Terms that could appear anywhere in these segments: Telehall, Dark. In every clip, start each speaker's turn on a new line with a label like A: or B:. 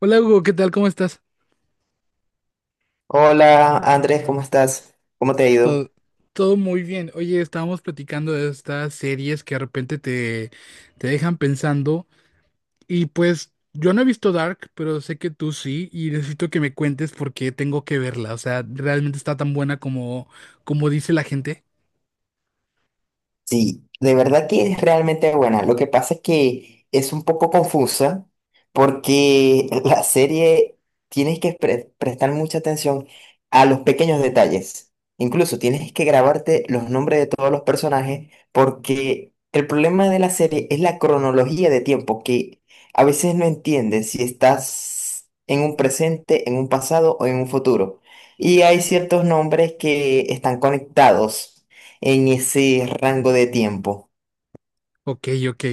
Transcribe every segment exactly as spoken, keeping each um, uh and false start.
A: Hola Hugo, ¿qué tal? ¿Cómo estás?
B: Hola Andrés, ¿cómo estás? ¿Cómo te ha ido?
A: Todo, todo muy bien. Oye, estábamos platicando de estas series que de repente te, te dejan pensando y pues yo no he visto Dark, pero sé que tú sí y necesito que me cuentes por qué tengo que verla. O sea, ¿realmente está tan buena como, como dice la gente?
B: Sí, de verdad que es realmente buena. Lo que pasa es que es un poco confusa porque la serie tienes que pre- prestar mucha atención a los pequeños detalles. Incluso tienes que grabarte los nombres de todos los personajes porque el problema de la serie es la cronología de tiempo que a veces no entiendes si estás en un presente, en un pasado o en un futuro. Y hay ciertos nombres que están conectados en ese rango de tiempo.
A: Ok, ok.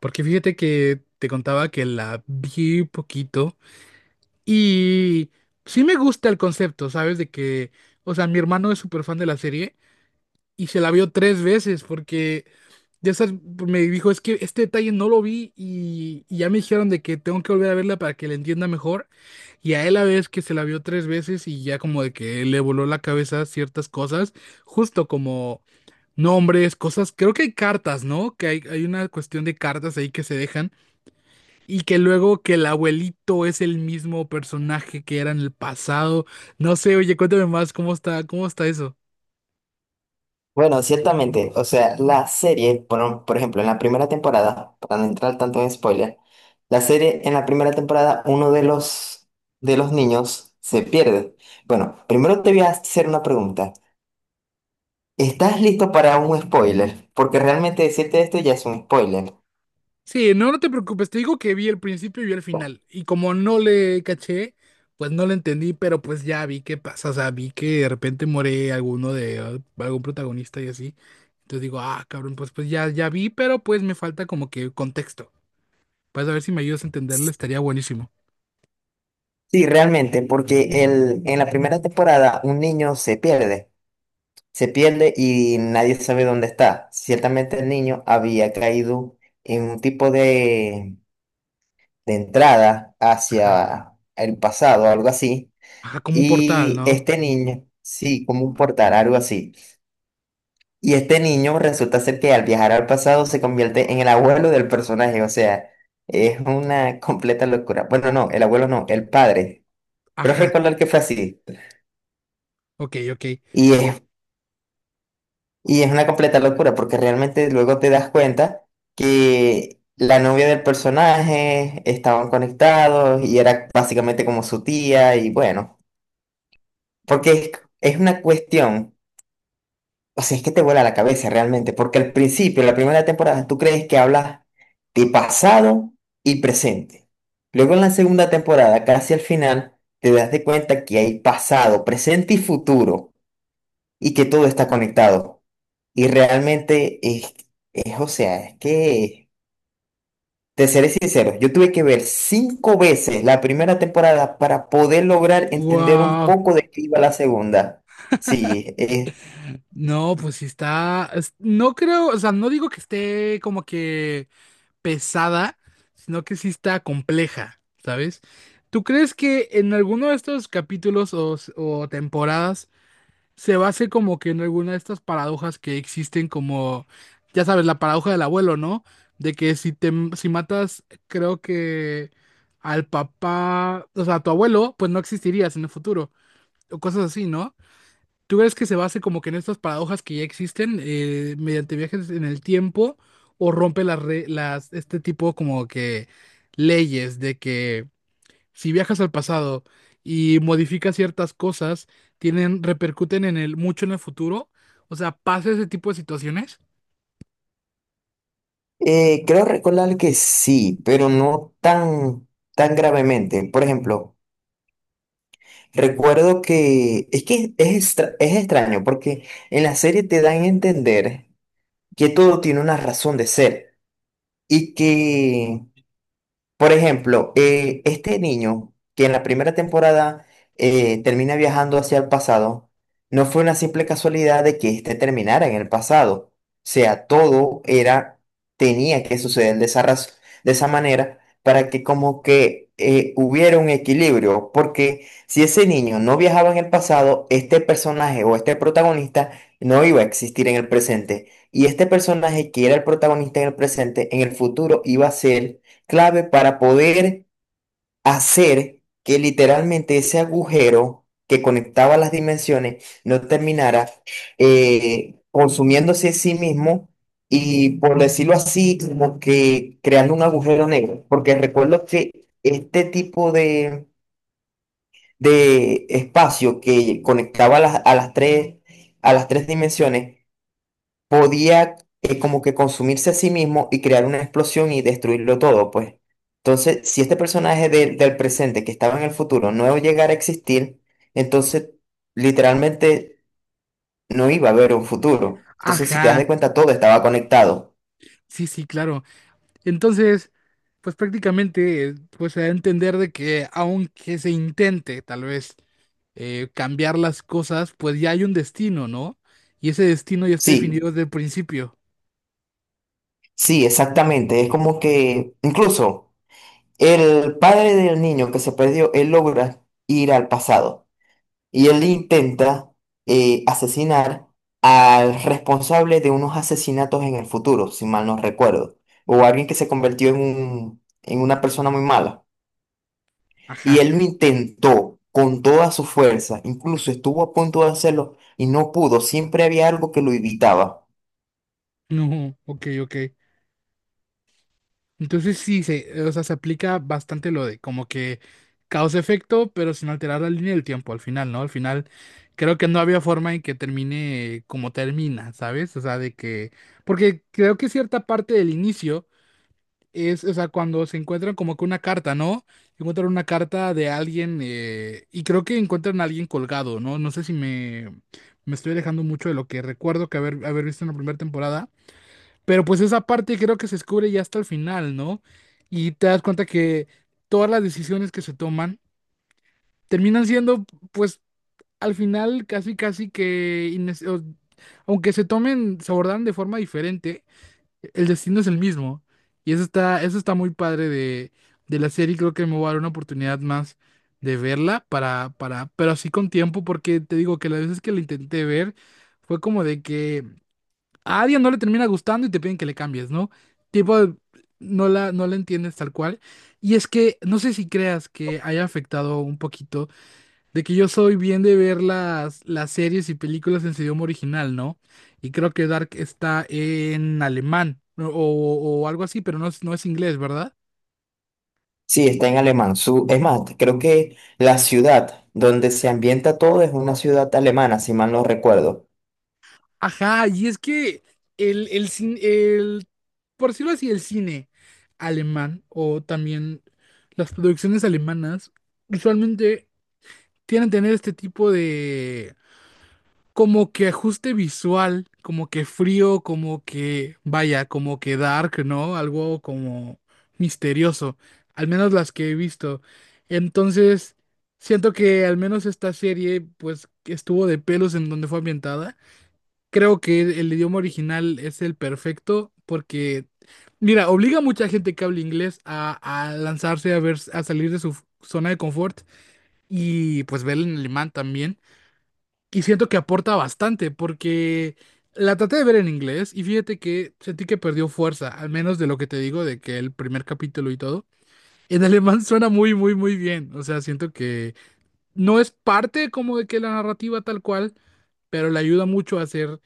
A: Porque fíjate que te contaba que la vi poquito y sí me gusta el concepto, ¿sabes? De que, o sea, mi hermano es súper fan de la serie y se la vio tres veces porque ya sabes, me dijo, es que este detalle no lo vi y, y ya me dijeron de que tengo que volver a verla para que la entienda mejor. Y a él la vez que se la vio tres veces y ya como de que le voló la cabeza ciertas cosas, justo como nombres, cosas, creo que hay cartas, ¿no? Que hay, hay una cuestión de cartas ahí que se dejan y que luego que el abuelito es el mismo personaje que era en el pasado. No sé, oye, cuéntame más, ¿cómo está, cómo está eso?
B: Bueno, ciertamente, o sea, la serie, por, por ejemplo, en la primera temporada, para no entrar tanto en spoiler, la serie en la primera temporada, uno de los, de los niños se pierde. Bueno, primero te voy a hacer una pregunta. ¿Estás listo para un spoiler? Porque realmente decirte esto ya es un spoiler.
A: Sí, no, no te preocupes, te digo que vi el principio y vi el final. Y como no le caché, pues no le entendí, pero pues ya vi qué pasa. O sea, vi que de repente muere alguno de eh, algún protagonista y así. Entonces digo, ah, cabrón, pues pues ya, ya vi, pero pues me falta como que contexto. Pues a ver si me ayudas a entenderlo, estaría buenísimo.
B: Sí, realmente, porque el, en la primera temporada un niño se pierde. Se pierde y nadie sabe dónde está. Ciertamente el niño había caído en un tipo de, de entrada
A: Ajá.
B: hacia el pasado, algo así.
A: Ajá, como un portal,
B: Y
A: ¿no?
B: este niño, sí, como un portal, algo así. Y este niño resulta ser que al viajar al pasado se convierte en el abuelo del personaje. O sea, es una completa locura. Bueno, no, el abuelo no, el padre. Pero
A: Ajá.
B: recordar que fue así.
A: Ok, ok.
B: Y es Y es una completa locura porque realmente luego te das cuenta que la novia del personaje estaban conectados y era básicamente como su tía y bueno, porque es, es una cuestión, o sea, es que te vuela la cabeza realmente, porque al principio, la primera temporada, tú crees que hablas de pasado y presente. Luego en la segunda temporada, casi al final, te das de cuenta que hay pasado, presente y futuro y que todo está conectado. Y realmente es, es, o sea, es que, te seré sincero, yo tuve que ver cinco veces la primera temporada para poder lograr entender un
A: Wow.
B: poco de qué iba la segunda. Sí, eh,
A: No, pues sí está. es- No creo, o sea, no digo que esté como que pesada, sino que sí está compleja, ¿sabes? ¿Tú crees que en alguno de estos capítulos o, s- o temporadas se base como que en alguna de estas paradojas que existen como, ya sabes, la paradoja del abuelo, ¿no? De que si te, si matas, creo que al papá, o sea, a tu abuelo, pues no existirías en el futuro, o cosas así, ¿no? ¿Tú crees que se base como que en estas paradojas que ya existen eh, mediante viajes en el tiempo o rompe las, re- las este tipo como que leyes de que si viajas al pasado y modificas ciertas cosas, tienen, repercuten en el mucho en el futuro? O sea, ¿pasa ese tipo de situaciones?
B: eh, creo recordar que sí, pero no tan, tan gravemente. Por ejemplo, recuerdo que es que es, extra- es extraño porque en la serie te dan a entender que todo tiene una razón de ser y que... Por ejemplo, eh, este niño que en la primera temporada eh, termina viajando hacia el pasado, no fue una simple casualidad de que este terminara en el pasado. O sea, todo era, tenía que suceder de esa, raz- de esa manera para que como que eh, hubiera un equilibrio, porque si ese niño no viajaba en el pasado, este personaje o este protagonista no iba a existir en el presente. Y este personaje que era el protagonista en el presente, en el futuro iba a ser clave para poder hacer que literalmente ese agujero que conectaba las dimensiones no terminara eh, consumiéndose a sí mismo y, por decirlo así, como que creando un agujero negro. Porque recuerdo que este tipo de, de espacio que conectaba las- a las tres, a las tres dimensiones, podía eh, como que consumirse a sí mismo y crear una explosión y destruirlo todo, pues. Entonces, si este personaje de- del presente que estaba en el futuro no llegara a existir, entonces literalmente no iba a haber un futuro. Entonces, si te das de
A: Ajá.
B: cuenta, todo estaba conectado.
A: Sí, sí, claro. Entonces, pues prácticamente, eh, pues se da a entender de que aunque se intente tal vez eh, cambiar las cosas, pues ya hay un destino, ¿no? Y ese destino ya está
B: Sí,
A: definido desde el principio.
B: sí, exactamente. Es como que incluso el padre del niño que se perdió, él logra ir al pasado. Y él intenta eh, asesinar al responsable de unos asesinatos en el futuro, si mal no recuerdo, o alguien que se convirtió en un- en una persona muy mala. Y
A: Ajá.
B: él lo intentó con toda su fuerza, incluso estuvo a punto de hacerlo y no pudo, siempre había algo que lo evitaba.
A: No, ok, ok. Entonces sí, se, eh, o sea, se aplica bastante lo de como que causa-efecto, pero sin alterar la línea del tiempo al final, ¿no? Al final creo que no había forma en que termine como termina, ¿sabes? O sea, de que... Porque creo que cierta parte del inicio es, o sea, cuando se encuentran como que una carta, ¿no? Encuentran una carta de alguien eh, y creo que encuentran a alguien colgado, ¿no? No sé si me, me estoy alejando mucho de lo que recuerdo que haber, haber visto en la primera temporada, pero pues esa parte creo que se descubre ya hasta el final, ¿no? Y te das cuenta que todas las decisiones que se toman terminan siendo, pues, al final casi, casi que, innes- o- aunque se tomen, se abordan de forma diferente el destino es el mismo. Y eso está, eso está muy padre de, de la serie. Creo que me voy a dar una oportunidad más de verla para, para, pero así con tiempo, porque te digo que las veces que la intenté ver fue como de que a alguien no le termina gustando y te piden que le cambies, ¿no? Tipo, no la, no la entiendes tal cual. Y es que no sé si creas que haya afectado un poquito de que yo soy bien de ver las, las series y películas en su idioma original, ¿no? Y creo que Dark está en alemán o, o- o algo así, pero no es, no es inglés, ¿verdad?
B: Sí, está en alemán. Su, es más, creo que la ciudad donde se ambienta todo es una ciudad alemana, si mal no recuerdo.
A: Ajá, y es que el, el, cin- el, por decirlo así, el cine alemán o también las producciones alemanas usualmente tienen tener este tipo de como que ajuste visual, como que frío, como que, vaya, como que dark, ¿no? Algo como misterioso, al menos las que he visto. Entonces, siento que al menos esta serie, pues, que estuvo de pelos en donde fue ambientada. Creo que el idioma original es el perfecto porque, mira, obliga a mucha gente que habla inglés a, a lanzarse a ver, a salir de su zona de confort y pues ver en alemán también. Y siento que aporta bastante, porque la traté de ver en inglés y fíjate que sentí que perdió fuerza, al menos de lo que te digo, de que el primer capítulo y todo. En alemán suena muy, muy, muy bien. O sea, siento que no es parte como de que la narrativa tal cual, pero le ayuda mucho a hacer,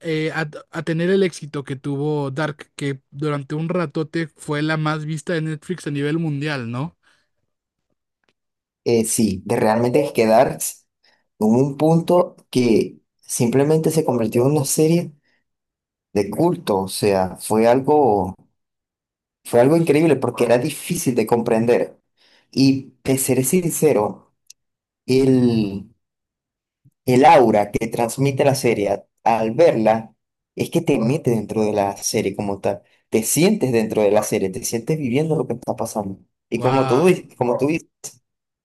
A: eh, a, a tener el éxito que tuvo Dark, que durante un ratote fue la más vista de Netflix a nivel mundial, ¿no?
B: Eh, sí, de realmente quedar en un punto que simplemente se convirtió en una serie de culto, o sea, fue algo, fue algo increíble porque era difícil de comprender. Y te seré sincero, el, el aura que transmite la serie al verla es que te mete dentro de la serie como tal, te sientes dentro de la serie, te sientes viviendo lo que está pasando. Y como tú,
A: Wow.
B: dices- como tú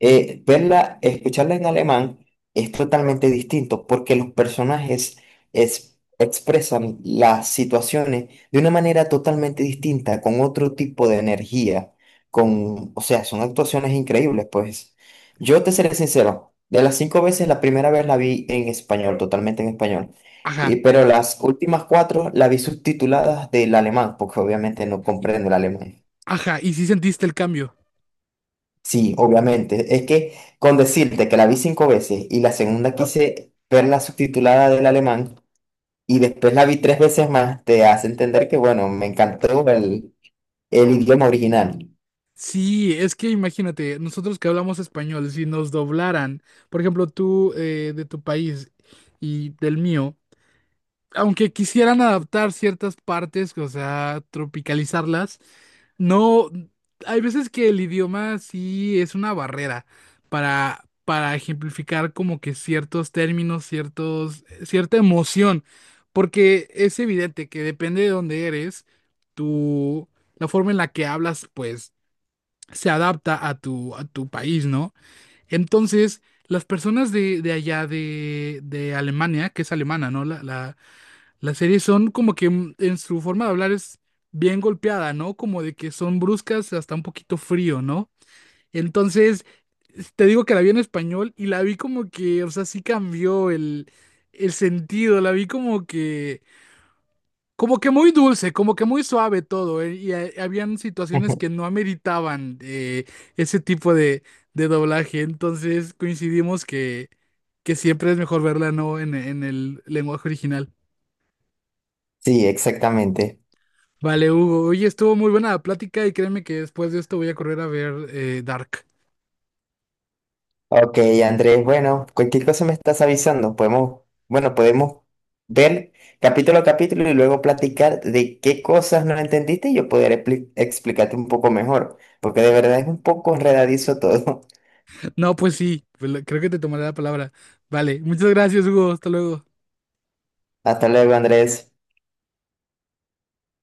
B: eh, verla, escucharla en alemán es totalmente distinto porque los personajes es- expresan las situaciones de una manera totalmente distinta, con otro tipo de energía, con, o sea, son actuaciones increíbles, pues. Yo te seré sincero, de las cinco veces, la primera vez la vi en español, totalmente en español. Y-
A: Ajá,
B: pero las últimas cuatro la vi subtituladas del alemán, porque obviamente no comprendo el alemán.
A: ajá. Y sí sentiste el cambio.
B: Sí, obviamente. Es que con decirte que la vi cinco veces y la segunda quise verla subtitulada del alemán y después la vi tres veces más, te hace entender que, bueno, me encantó el, el idioma original.
A: Sí, es que imagínate, nosotros que hablamos español, si nos doblaran, por ejemplo, tú eh, de tu país y del mío, aunque quisieran adaptar ciertas partes, o sea, tropicalizarlas, no, hay veces que el idioma sí es una barrera para, para ejemplificar como que ciertos términos, ciertos, cierta emoción, porque es evidente que depende de dónde eres, tú, la forma en la que hablas, pues se adapta a tu, a tu país, ¿no? Entonces, las personas de, de allá de, de Alemania, que es alemana, ¿no? La, la, la serie son como que mm, en su forma de hablar es bien golpeada, ¿no? Como de que son bruscas, hasta un poquito frío, ¿no? Entonces, te digo que la vi en español y la vi como que, o sea, sí cambió el, el sentido, la vi como que... Como que muy dulce, como que muy suave todo, ¿eh? Y ha- habían situaciones que no ameritaban eh, ese tipo de, de doblaje, entonces coincidimos que, que siempre es mejor verla no en, en el lenguaje original.
B: Sí, exactamente.
A: Vale, Hugo, oye, estuvo muy buena la plática y créeme que después de esto voy a correr a ver eh, Dark.
B: Ok, Andrés, bueno, cualquier cosa me estás avisando. Podemos, bueno, podemos ver capítulo a capítulo y luego platicar de qué cosas no entendiste y yo poder expli- explicarte un poco mejor, porque de verdad es un poco enredadizo todo.
A: No, pues sí, pues lo- creo que te tomaré la palabra. Vale, muchas gracias, Hugo, hasta luego.
B: Hasta luego, Andrés.